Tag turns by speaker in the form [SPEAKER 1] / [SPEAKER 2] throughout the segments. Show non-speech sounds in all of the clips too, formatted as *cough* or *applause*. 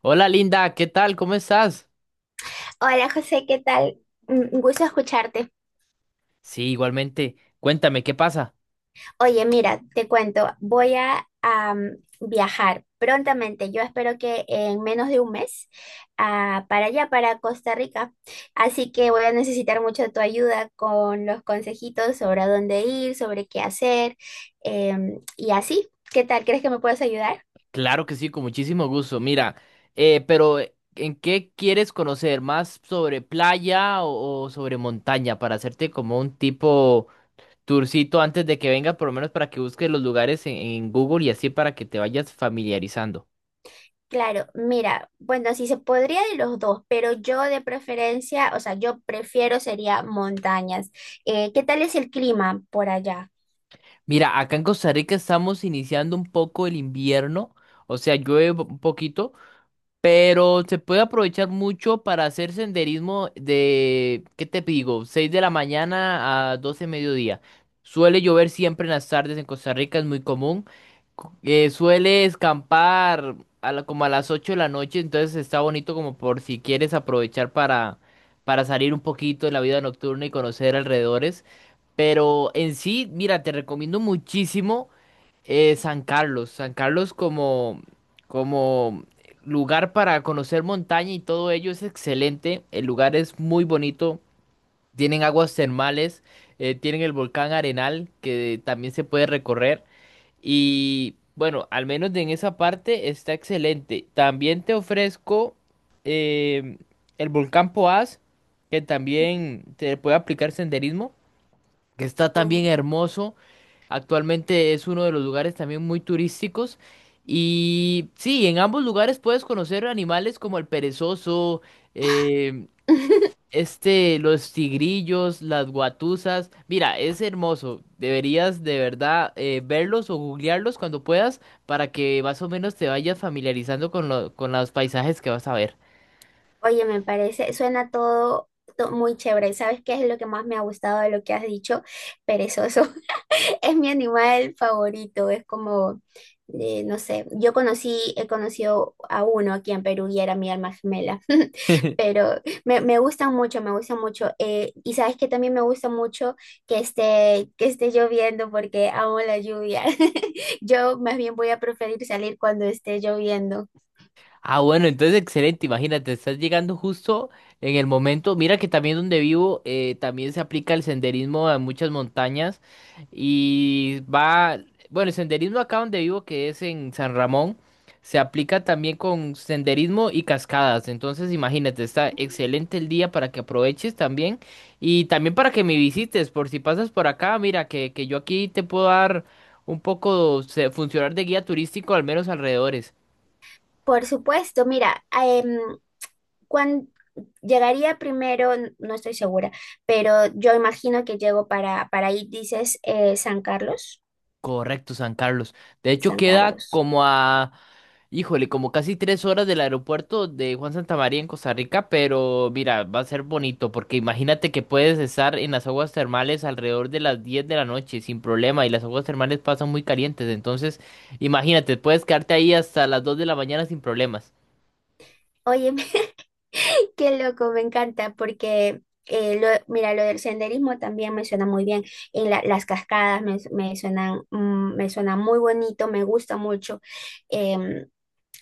[SPEAKER 1] Hola Linda, ¿qué tal? ¿Cómo estás?
[SPEAKER 2] Hola José, ¿qué tal? Un gusto escucharte.
[SPEAKER 1] Sí, igualmente. Cuéntame, ¿qué pasa?
[SPEAKER 2] Oye, mira, te cuento, viajar prontamente. Yo espero que en menos de un mes para allá, para Costa Rica. Así que voy a necesitar mucho de tu ayuda con los consejitos sobre a dónde ir, sobre qué hacer y así. ¿Qué tal? ¿Crees que me puedes ayudar?
[SPEAKER 1] Claro que sí, con muchísimo gusto. Mira, pero ¿en qué quieres conocer? ¿Más sobre playa o sobre montaña? Para hacerte como un tipo tourcito antes de que venga, por lo menos para que busques los lugares en Google y así para que te vayas familiarizando.
[SPEAKER 2] Claro, mira, bueno, si se podría de los dos, pero yo de preferencia, o sea, yo prefiero sería montañas. ¿Qué tal es el clima por allá?
[SPEAKER 1] Mira, acá en Costa Rica estamos iniciando un poco el invierno, o sea, llueve un poquito. Pero se puede aprovechar mucho para hacer senderismo de, ¿qué te digo? 6 de la mañana a 12 de mediodía. Suele llover siempre en las tardes en Costa Rica, es muy común. Suele escampar como a las 8 de la noche, entonces está bonito como por si quieres aprovechar para salir un poquito de la vida nocturna y conocer alrededores. Pero en sí, mira, te recomiendo muchísimo. San Carlos, como lugar para conocer montaña y todo ello es excelente. El lugar es muy bonito, tienen aguas termales, tienen el volcán Arenal que también se puede recorrer y bueno, al menos en esa parte está excelente. También te ofrezco eh, el volcán Poás que también te puede aplicar senderismo que está también
[SPEAKER 2] Mm.
[SPEAKER 1] hermoso. Actualmente es uno de los lugares también muy turísticos. Y sí, en ambos lugares puedes conocer animales como el perezoso, eh, los tigrillos, las guatusas. Mira, es hermoso. Deberías de verdad verlos o googlearlos cuando puedas para que más o menos te vayas familiarizando con los paisajes que vas a ver.
[SPEAKER 2] Oye, me parece, suena muy chévere. ¿Sabes qué es lo que más me ha gustado de lo que has dicho? Perezoso. *laughs* Es mi animal favorito. Es como, no sé, he conocido a uno aquí en Perú y era mi alma gemela. *laughs*
[SPEAKER 1] *laughs*
[SPEAKER 2] Pero me gustan mucho, me gustan mucho. Y sabes que también me gusta mucho que esté lloviendo porque amo la lluvia. *laughs* Yo más bien voy a preferir salir cuando esté lloviendo.
[SPEAKER 1] Ah, bueno, entonces excelente, imagínate, estás llegando justo en el momento. Mira que también donde vivo también se aplica el senderismo a muchas montañas y va, bueno, el senderismo acá donde vivo que es en San Ramón, se aplica también con senderismo y cascadas. Entonces, imagínate, está excelente el día para que aproveches también y también para que me visites por si pasas por acá, mira que yo aquí te puedo dar un poco, funcionar de guía turístico al menos alrededores.
[SPEAKER 2] Por supuesto, mira, cuán- llegaría primero, no estoy segura, pero yo imagino que llego para ahí, dices, San Carlos,
[SPEAKER 1] Correcto, San Carlos. De hecho,
[SPEAKER 2] San
[SPEAKER 1] queda
[SPEAKER 2] Carlos.
[SPEAKER 1] como a, híjole, como casi 3 horas del aeropuerto de Juan Santamaría en Costa Rica, pero mira, va a ser bonito, porque imagínate que puedes estar en las aguas termales alrededor de las 10 de la noche sin problema, y las aguas termales pasan muy calientes, entonces imagínate, puedes quedarte ahí hasta las 2 de la mañana sin problemas.
[SPEAKER 2] Oye, *laughs* qué loco, me encanta mira, lo del senderismo también me suena muy bien. Las cascadas me suenan, me suena muy bonito, me gusta mucho. Em,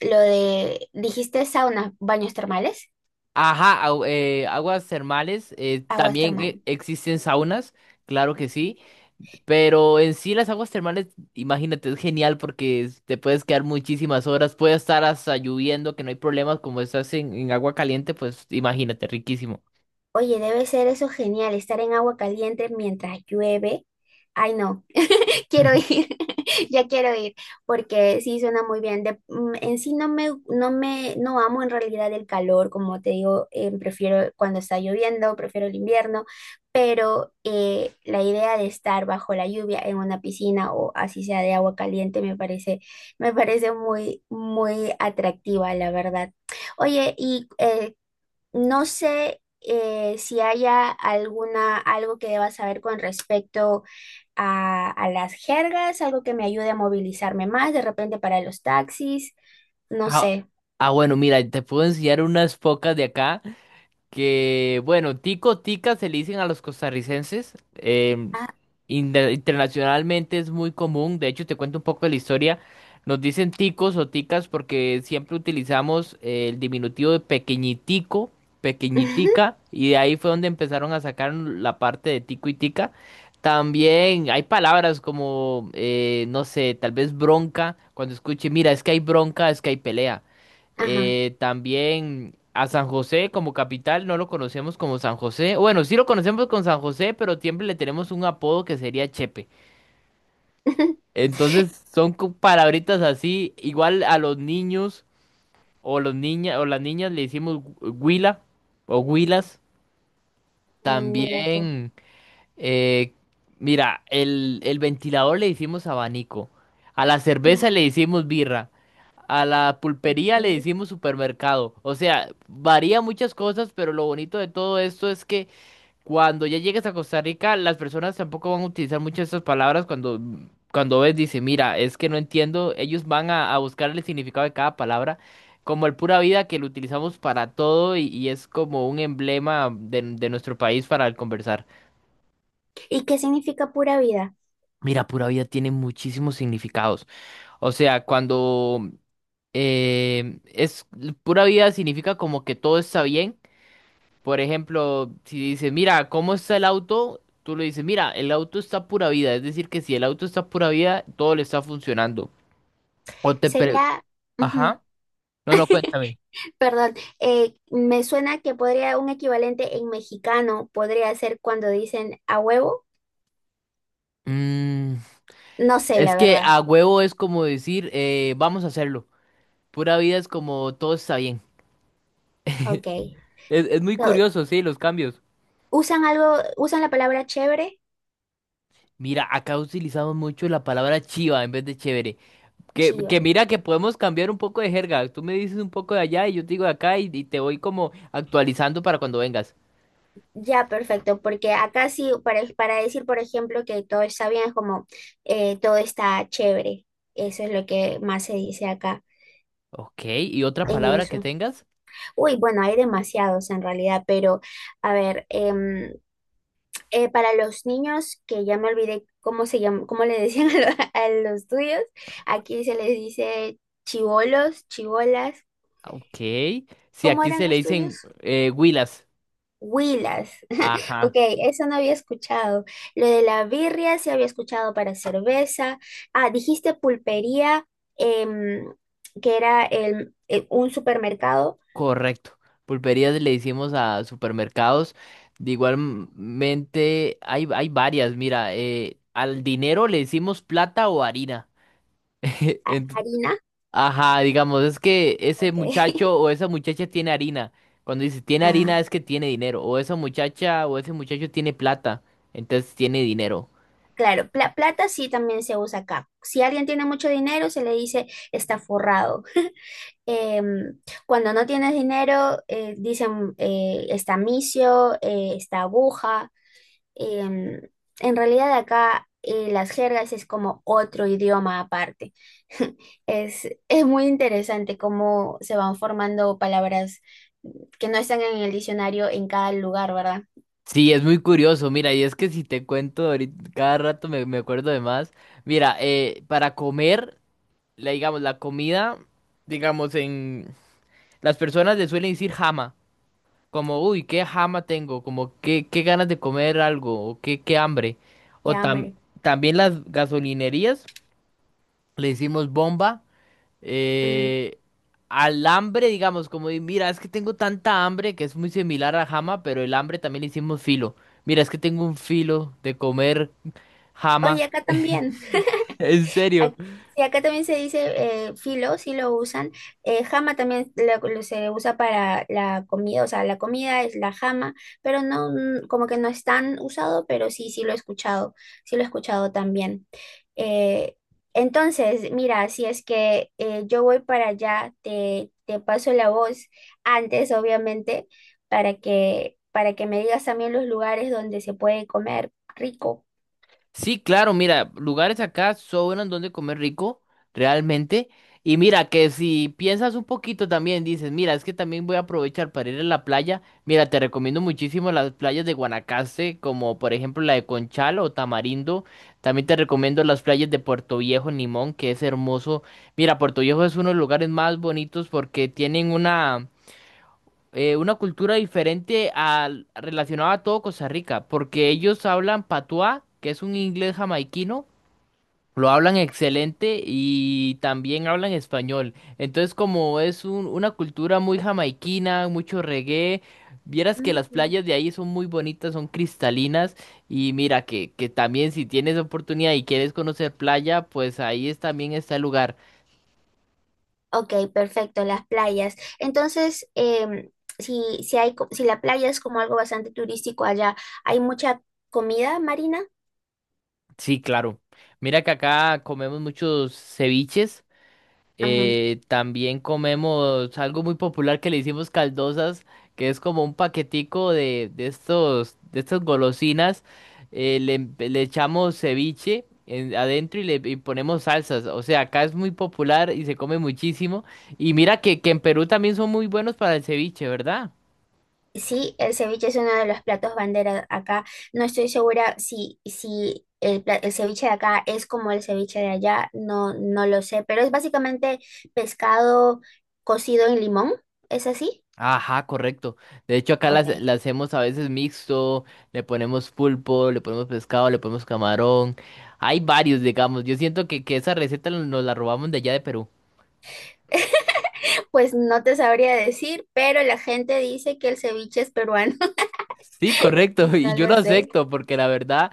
[SPEAKER 2] lo de, dijiste saunas, baños termales,
[SPEAKER 1] Aguas termales,
[SPEAKER 2] aguas
[SPEAKER 1] también
[SPEAKER 2] termales.
[SPEAKER 1] existen saunas, claro que sí, pero en sí las aguas termales, imagínate, es genial porque te puedes quedar muchísimas horas, puede estar hasta lloviendo, que no hay problemas, como estás en agua caliente, pues imagínate, riquísimo.
[SPEAKER 2] Oye, debe ser eso genial, estar en agua caliente mientras llueve. Ay, no, *laughs* quiero
[SPEAKER 1] *laughs*
[SPEAKER 2] ir, *laughs* ya quiero ir, porque sí suena muy bien. En sí no amo en realidad el calor, como te digo, prefiero cuando está lloviendo, prefiero el invierno, pero la idea de estar bajo la lluvia en una piscina o así sea de agua caliente me parece muy, muy atractiva, la verdad. Oye, y no sé si haya alguna, algo que deba saber con respecto a las jergas, algo que me ayude a movilizarme más, de repente para los taxis, no
[SPEAKER 1] Ah,
[SPEAKER 2] sé.
[SPEAKER 1] bueno, mira, te puedo enseñar unas pocas de acá. Que, bueno, tico, tica se le dicen a los costarricenses.
[SPEAKER 2] Ah,
[SPEAKER 1] Internacionalmente es muy común. De hecho, te cuento un poco de la historia. Nos dicen ticos o ticas porque siempre utilizamos el diminutivo de pequeñitico, pequeñitica,
[SPEAKER 2] *laughs*
[SPEAKER 1] y de ahí fue donde empezaron a sacar la parte de tico y tica. También hay palabras como, no sé, tal vez bronca, cuando escuche, mira, es que hay bronca, es que hay pelea.
[SPEAKER 2] ajá.
[SPEAKER 1] También a San José como capital no lo conocemos como San José. Bueno, sí lo conocemos con San José, pero siempre le tenemos un apodo que sería Chepe.
[SPEAKER 2] *laughs*
[SPEAKER 1] Entonces son palabritas así. Igual a los niños o los niñas o las niñas le decimos huila o huilas.
[SPEAKER 2] Mira tú.
[SPEAKER 1] También. Eh, Mira, el ventilador le hicimos abanico, a la cerveza le
[SPEAKER 2] *laughs*
[SPEAKER 1] hicimos birra, a la pulpería le
[SPEAKER 2] Okay.
[SPEAKER 1] hicimos supermercado. O sea, varía muchas cosas, pero lo bonito de todo esto es que cuando ya llegues a Costa Rica, las personas tampoco van a utilizar muchas estas palabras cuando ves, dice, mira, es que no entiendo, ellos van a buscar el significado de cada palabra. Como el pura vida que lo utilizamos para todo y es como un emblema de nuestro país para el conversar.
[SPEAKER 2] ¿Y qué significa pura vida?
[SPEAKER 1] Mira, pura vida tiene muchísimos significados. O sea, cuando es pura vida significa como que todo está bien. Por ejemplo, si dices, mira, ¿cómo está el auto? Tú le dices, mira, el auto está pura vida. Es decir, que si el auto está pura vida, todo le está funcionando. O te pre-
[SPEAKER 2] Sería, ujú,
[SPEAKER 1] Ajá. No, no, cuéntame.
[SPEAKER 2] perdón, me suena que podría un equivalente en mexicano podría ser cuando dicen a huevo.
[SPEAKER 1] Mm,
[SPEAKER 2] No sé, la
[SPEAKER 1] es que
[SPEAKER 2] verdad.
[SPEAKER 1] a huevo es como decir, vamos a hacerlo. Pura vida es como todo está bien. *laughs*
[SPEAKER 2] Ok.
[SPEAKER 1] Es muy curioso, sí, los cambios.
[SPEAKER 2] Usan algo, usan la palabra chévere,
[SPEAKER 1] Mira, acá utilizamos mucho la palabra chiva en vez de chévere. Que
[SPEAKER 2] chiva.
[SPEAKER 1] mira que podemos cambiar un poco de jerga. Tú me dices un poco de allá y yo te digo de acá y te voy como actualizando para cuando vengas.
[SPEAKER 2] Ya, perfecto, porque acá sí, para decir, por ejemplo, que todo está bien, es como todo está chévere. Eso es lo que más se dice acá
[SPEAKER 1] Ok, ¿y otra
[SPEAKER 2] en
[SPEAKER 1] palabra que
[SPEAKER 2] eso.
[SPEAKER 1] tengas?
[SPEAKER 2] Uy, bueno, hay demasiados en realidad, pero a ver, para los niños, que ya me olvidé cómo se llama, cómo le decían *laughs* a los tuyos, aquí se les dice chivolos, chivolas.
[SPEAKER 1] Ok. Si
[SPEAKER 2] ¿Cómo
[SPEAKER 1] aquí
[SPEAKER 2] eran
[SPEAKER 1] se le
[SPEAKER 2] los tuyos?
[SPEAKER 1] dicen huilas.
[SPEAKER 2] Huilas. *laughs* Ok,
[SPEAKER 1] Ajá,
[SPEAKER 2] eso no había escuchado. Lo de la birria sí había escuchado para cerveza. Ah, dijiste pulpería, em, que era un supermercado.
[SPEAKER 1] correcto. Pulperías le decimos a supermercados. De igualmente hay varias. Mira, al dinero le decimos plata o harina. *laughs* En-
[SPEAKER 2] Harina,
[SPEAKER 1] Ajá, digamos, es que ese
[SPEAKER 2] ok. *laughs*
[SPEAKER 1] muchacho o esa muchacha tiene harina. Cuando dice tiene
[SPEAKER 2] Ah,
[SPEAKER 1] harina es que tiene dinero. O esa muchacha o ese muchacho tiene plata. Entonces tiene dinero.
[SPEAKER 2] claro, plata sí también se usa acá. Si alguien tiene mucho dinero, se le dice está forrado. *laughs* Em, cuando no tienes dinero, dicen está misio, está aguja. Em, en realidad acá las jergas es como otro idioma aparte. *laughs* Es muy interesante cómo se van formando palabras que no están en el diccionario en cada lugar, ¿verdad?
[SPEAKER 1] Sí, es muy curioso. Mira, y es que si te cuento ahorita, cada rato me acuerdo de más. Mira, para comer, la, digamos, la comida, digamos, en... Las personas le suelen decir jama. Como, uy, qué jama tengo. Como, qué ganas de comer algo. O qué hambre. O
[SPEAKER 2] Ya, hombre.
[SPEAKER 1] también las gasolinerías le hicimos bomba,
[SPEAKER 2] Mm.
[SPEAKER 1] eh, al hambre, digamos, como de, mira, es que tengo tanta hambre que es muy similar a jama, pero el hambre también le hicimos filo. Mira, es que tengo un filo de comer jama,
[SPEAKER 2] Oye, acá también.
[SPEAKER 1] *laughs* en serio.
[SPEAKER 2] Ac- sí, acá también se dice filo, sí lo usan. Jama también se usa para la comida, o sea, la comida es la jama, pero no, como que no es tan usado, pero sí, sí lo he escuchado, sí lo he escuchado también. Eh, entonces, mira, si es que yo voy para allá, te paso la voz antes, obviamente, para que me digas también los lugares donde se puede comer rico.
[SPEAKER 1] Sí, claro, mira, lugares acá sobran donde comer rico, realmente. Y mira, que si piensas un poquito también, dices, mira, es que también voy a aprovechar para ir a la playa. Mira, te recomiendo muchísimo las playas de Guanacaste, como por ejemplo la de Conchal o Tamarindo. También te recomiendo las playas de Puerto Viejo, Nimón, que es hermoso. Mira, Puerto Viejo es uno de los lugares más bonitos porque tienen una cultura diferente al relacionada a todo Costa Rica, porque ellos hablan patuá, que es un inglés jamaiquino, lo hablan excelente y también hablan español. Entonces, como es una cultura muy jamaiquina, mucho reggae, vieras que las
[SPEAKER 2] Mm.
[SPEAKER 1] playas de ahí son muy bonitas, son cristalinas y mira que también si tienes oportunidad y quieres conocer playa, pues ahí es, también está el lugar.
[SPEAKER 2] Ok, perfecto, las playas. Entonces, em, si hay, si la playa es como algo bastante turístico allá, ¿hay mucha comida marina?
[SPEAKER 1] Sí, claro. Mira que acá comemos muchos ceviches.
[SPEAKER 2] Ajá.
[SPEAKER 1] También comemos algo muy popular que le hicimos caldosas, que es como un paquetico de estos, de estas golosinas. Le echamos ceviche adentro y le y ponemos salsas. O sea, acá es muy popular y se come muchísimo. Y mira que en Perú también son muy buenos para el ceviche, ¿verdad?
[SPEAKER 2] Sí, el ceviche es uno de los platos bandera acá. No estoy segura si el ceviche de acá es como el ceviche de allá, no, no lo sé, pero es básicamente pescado cocido en limón, ¿es así?
[SPEAKER 1] Ajá, correcto. De hecho, acá
[SPEAKER 2] Ok.
[SPEAKER 1] las hacemos a veces mixto, le ponemos pulpo, le ponemos pescado, le ponemos camarón. Hay varios, digamos. Yo siento que esa receta nos la robamos de allá de Perú.
[SPEAKER 2] *laughs* Pues no te sabría decir, pero la gente dice que el ceviche es peruano.
[SPEAKER 1] Sí, correcto. *laughs* Y
[SPEAKER 2] No
[SPEAKER 1] yo lo
[SPEAKER 2] lo sé.
[SPEAKER 1] acepto porque la verdad,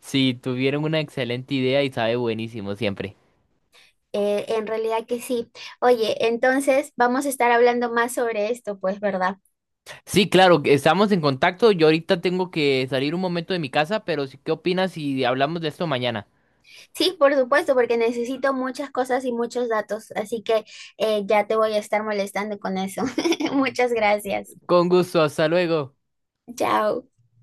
[SPEAKER 1] sí, tuvieron una excelente idea y sabe buenísimo siempre.
[SPEAKER 2] En realidad que sí. Oye, entonces vamos a estar hablando más sobre esto, pues, ¿verdad?
[SPEAKER 1] Sí, claro, que estamos en contacto. Yo ahorita tengo que salir un momento de mi casa, pero sí, ¿qué opinas si hablamos de esto mañana?
[SPEAKER 2] Sí, por supuesto, porque necesito muchas cosas y muchos datos, así que ya te voy a estar molestando con eso. *laughs* Muchas gracias.
[SPEAKER 1] Con gusto, hasta luego.
[SPEAKER 2] Chao.